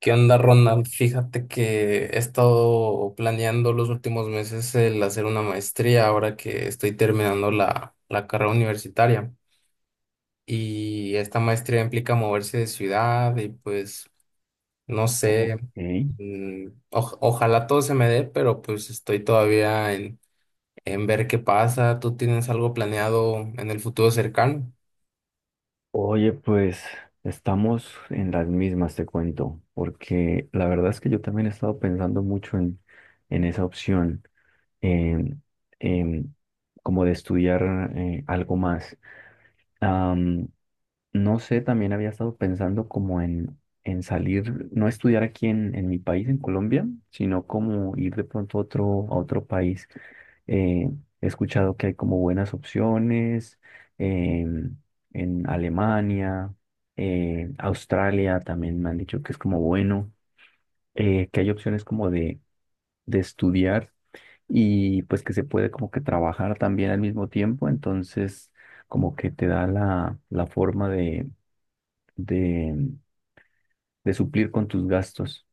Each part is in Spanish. ¿Qué onda, Ronald? Fíjate que he estado planeando los últimos meses el hacer una maestría ahora que estoy terminando la carrera universitaria. Y esta maestría implica moverse de ciudad y pues no Ok. sé, mm, ojalá todo se me dé, pero pues estoy todavía en ver qué pasa. ¿Tú tienes algo planeado en el futuro cercano? Oye, pues estamos en las mismas, te cuento, porque la verdad es que yo también he estado pensando mucho en esa opción, en- en como de estudiar algo más. Am, no sé, también había estado pensando como en salir, no estudiar aquí en mi país, en Colombia, sino como ir de pronto a otro país. Eh, He escuchado que hay como buenas opciones em, en Alemania, Australia también me han dicho que es como bueno, que hay opciones como de estudiar y pues que se puede como que trabajar también al mismo tiempo, entonces como que te da la forma de, de suplir con tus gastos.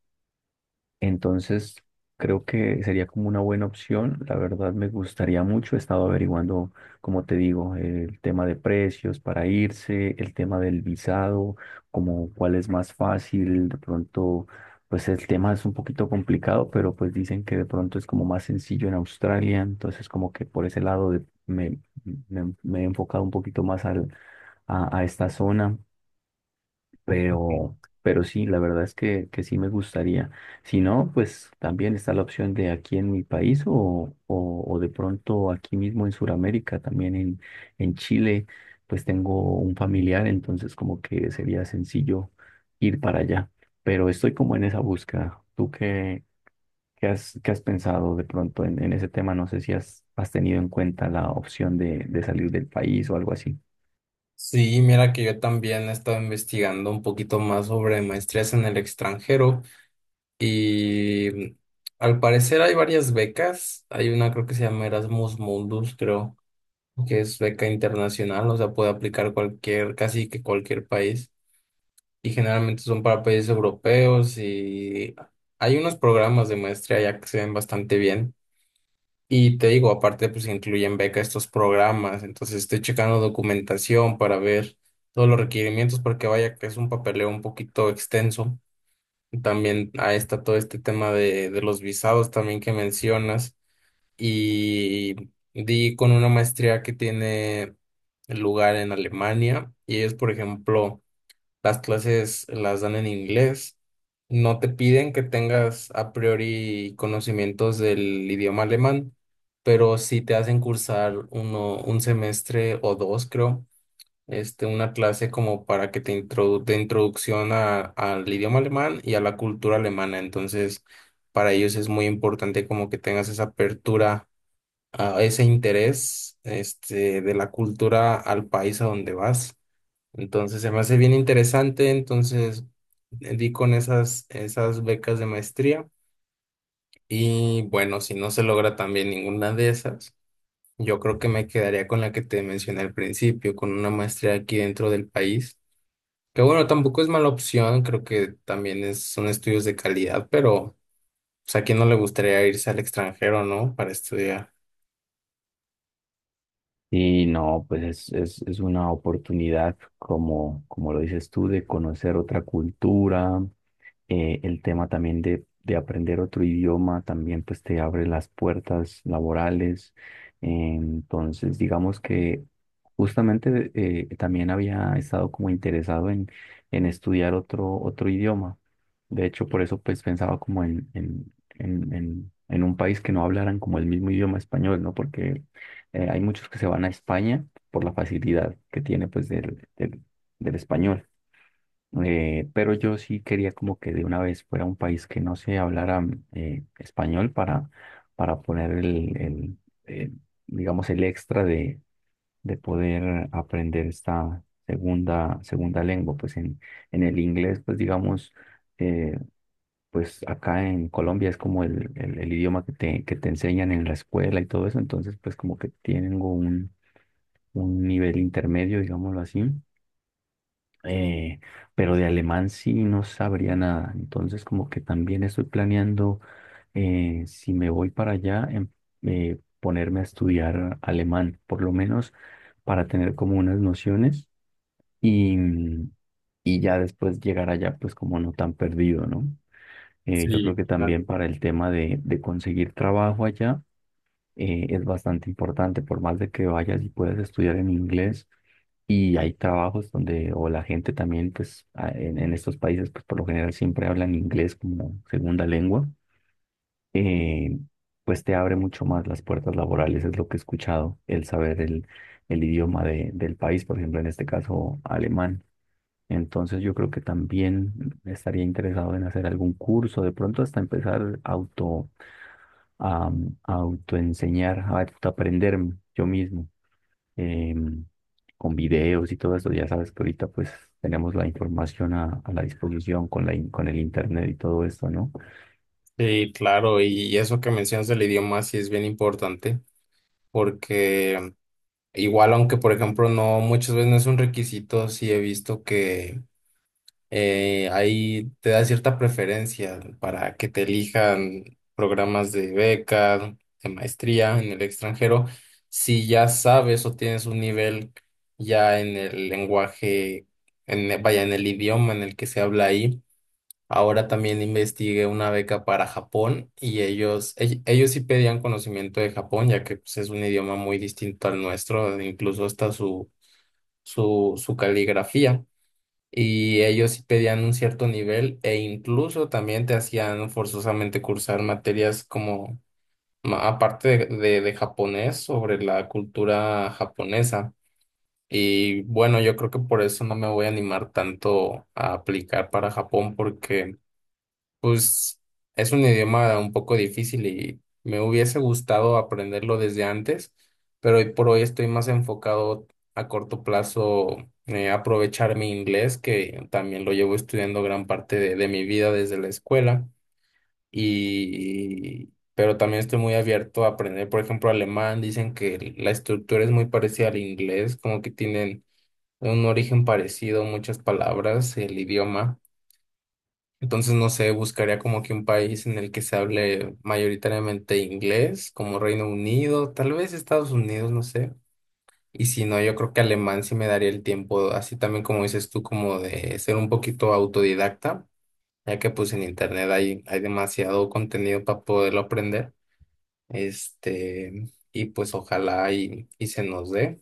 Entonces, creo que sería como una buena opción. La verdad me gustaría mucho. He estado averiguando, como te digo, el tema de precios para irse, el tema del visado, como cuál es más fácil. De pronto, pues el tema es un poquito complicado, pero pues dicen que de pronto es como más sencillo en Australia. Entonces, como que por ese lado me, me he enfocado un poquito más a esta zona. Ok. Pero sí, la verdad es que sí me gustaría. Si no, pues también está la opción de aquí en mi país o de pronto aquí mismo en Sudamérica, también en Chile, pues tengo un familiar, entonces como que sería sencillo ir para allá. Pero estoy como en esa búsqueda. ¿Tú qué, qué has pensado de pronto en ese tema? No sé si has, has tenido en cuenta la opción de salir del país o algo así. Sí, mira que yo también he estado investigando un poquito más sobre maestrías en el extranjero. Y al parecer hay varias becas. Hay una creo que se llama Erasmus Mundus, creo, que es beca internacional, o sea, puede aplicar cualquier, casi que cualquier país. Y generalmente son para países europeos y hay unos programas de maestría ya que se ven bastante bien. Y te digo, aparte pues incluyen beca estos programas, entonces estoy checando documentación para ver todos los requerimientos porque vaya que es un papeleo un poquito extenso. También ahí está todo este tema de los visados también que mencionas. Y di con una maestría que tiene lugar en Alemania y ellos, por ejemplo, las clases las dan en inglés. No te piden que tengas a priori conocimientos del idioma alemán, pero sí te hacen cursar uno, un semestre o dos, creo este, una clase como para que te introdu de introducción al idioma alemán y a la cultura alemana. Entonces, para ellos es muy importante como que tengas esa apertura, a ese interés, este, de la cultura al país a donde vas. Entonces, se me hace bien interesante. Entonces, di con esas becas de maestría. Y bueno, si no se logra también ninguna de esas, yo creo que me quedaría con la que te mencioné al principio, con una maestría aquí dentro del país. Que bueno, tampoco es mala opción, creo que también es, son estudios de calidad, pero pues, a quién no le gustaría irse al extranjero, ¿no? Para estudiar. Y no, pues es una oportunidad, como, como lo dices tú, de conocer otra cultura, el tema también de aprender otro idioma también pues te abre las puertas laborales. Entonces, digamos que justamente también había estado como interesado en estudiar otro, otro idioma. De hecho, por eso pues pensaba como en un país que no hablaran como el mismo idioma español, ¿no? Porque hay muchos que se van a España por la facilidad que tiene pues del español. Pero yo sí quería como que de una vez fuera un país que no se hablara español para poner eh, digamos, el extra de poder aprender esta segunda, segunda lengua. Pues en el inglés, pues digamos, eh, pues acá en Colombia es como el idioma que te enseñan en la escuela y todo eso. Entonces, pues como que tienen un nivel intermedio, digámoslo así eh, pero de alemán sí no sabría nada. Entonces, como que también estoy planeando, si me voy para allá, ponerme a estudiar alemán, por lo menos para tener como unas nociones y, y ya después llegar allá, pues como no tan perdido, ¿no? Yo creo Sí, que también claro. para el tema de conseguir trabajo allá es bastante importante, por más de que vayas y puedas estudiar en inglés y hay trabajos donde, o la gente también, pues en estos países, pues por lo general siempre hablan inglés como segunda lengua, eh, pues te abre mucho más las puertas laborales, es lo que he escuchado, el saber el idioma de, del país, por ejemplo, en este caso alemán. Entonces yo creo que también estaría interesado en hacer algún curso, de pronto hasta empezar auto, a, a autoenseñar, a aprender yo mismo em, con videos y todo eso. Ya sabes que ahorita pues tenemos la información a la disposición con con el internet y todo esto, ¿no? Sí, claro, y eso que mencionas del idioma sí es bien importante, porque igual aunque por ejemplo no, muchas veces no es un requisito, sí he visto que ahí te da cierta preferencia para que te elijan programas de beca, de maestría en el extranjero, si ya sabes o tienes un nivel ya en el lenguaje, en, vaya, en el idioma en el que se habla ahí. Ahora también investigué una beca para Japón y ellos, ellos sí pedían conocimiento de Japón, ya que pues, es un idioma muy distinto al nuestro, incluso hasta su caligrafía y ellos sí pedían un cierto nivel e incluso también te hacían forzosamente cursar materias como, aparte de, de japonés, sobre la cultura japonesa. Y bueno, yo creo que por eso no me voy a animar tanto a aplicar para Japón porque... Pues es un idioma un poco difícil y me hubiese gustado aprenderlo desde antes, pero hoy por hoy estoy más enfocado a corto plazo aprovechar mi inglés, que también lo llevo estudiando gran parte de mi vida desde la escuela, y pero también estoy muy abierto a aprender, por ejemplo, alemán. Dicen que la estructura es muy parecida al inglés, como que tienen un origen parecido, muchas palabras, el idioma. Entonces, no sé, buscaría como que un país en el que se hable mayoritariamente inglés, como Reino Unido, tal vez Estados Unidos, no sé. Y si no, yo creo que alemán sí me daría el tiempo, así también como dices tú, como de ser un poquito autodidacta, ya que pues en internet hay demasiado contenido para poderlo aprender. Este, y pues ojalá y se nos dé.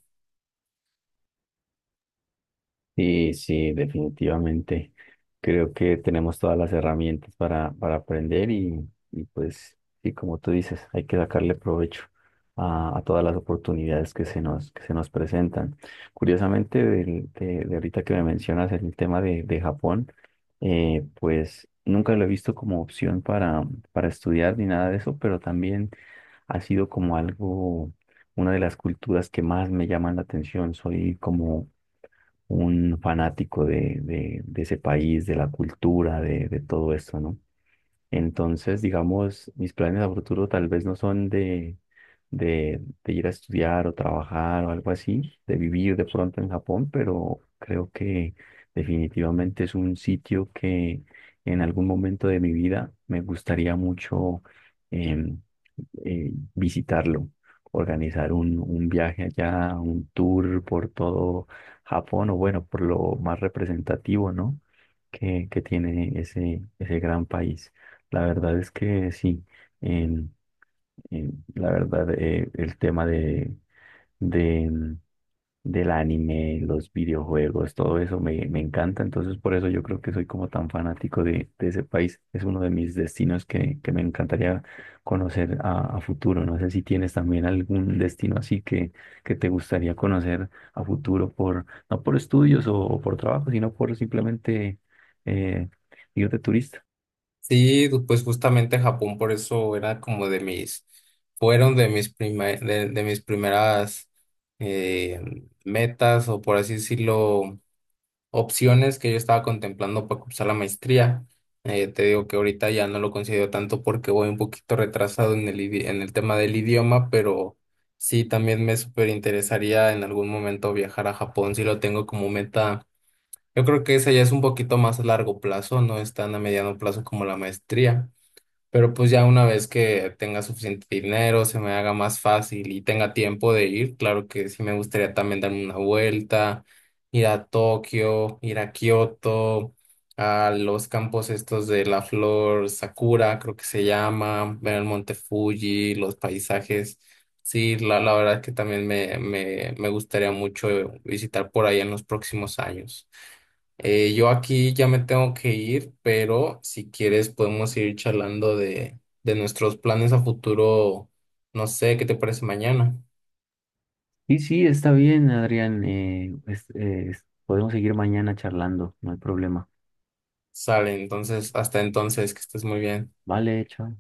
Sí, sí, definitivamente. Creo que tenemos todas las herramientas para aprender y pues, sí, como tú dices, hay que sacarle provecho a todas las oportunidades que se nos presentan. Curiosamente, de ahorita que me mencionas el tema de Japón, pues nunca lo he visto como opción para estudiar ni nada de eso, pero también ha sido como algo, una de las culturas que más me llaman la atención. Soy como un fanático de ese país, de la cultura, de todo esto, ¿no? Entonces, digamos, mis planes a futuro tal vez no son de ir a estudiar o trabajar o algo así, de vivir de pronto en Japón, pero creo que definitivamente es un sitio que en algún momento de mi vida me gustaría mucho em, visitarlo, organizar un viaje allá, un tour por todo Japón o bueno, por lo más representativo, ¿no? Que tiene ese, ese gran país. La verdad es que sí, en- la verdad el tema de, de- mm, del anime, los videojuegos, todo eso me, me encanta, entonces por eso yo creo que soy como tan fanático de ese país, es uno de mis destinos que me encantaría conocer a futuro, no sé si tienes también algún destino así que te gustaría conocer a futuro por, no por estudios o por trabajo, sino por simplemente eh, ir de turista. Sí, pues justamente Japón por eso era como de mis, fueron de mis de mis primeras eh, metas o por así decirlo, opciones que yo estaba contemplando para cursar la maestría. Te digo que ahorita ya no lo considero tanto porque voy un poquito retrasado en en el tema del idioma, pero sí, también me súper interesaría en algún momento viajar a Japón, si lo tengo como meta. Yo creo que esa ya es un poquito más a largo plazo, no es tan a mediano plazo como la maestría. Pero pues ya una vez que tenga suficiente dinero, se me haga más fácil y tenga tiempo de ir, claro que sí me gustaría también darme una vuelta, ir a Tokio, ir a Kioto, a los campos estos de la flor Sakura, creo que se llama, ver el monte Fuji, los paisajes. Sí, la verdad que también me gustaría mucho visitar por ahí en los próximos años. Yo aquí ya me tengo que ir, pero si quieres podemos ir charlando de nuestros planes a futuro. No sé, ¿qué te parece mañana? Sí, sí, está bien, Adrián. Podemos seguir mañana charlando, no hay problema. Sale, entonces, hasta entonces, que estés muy bien. Vale, chao.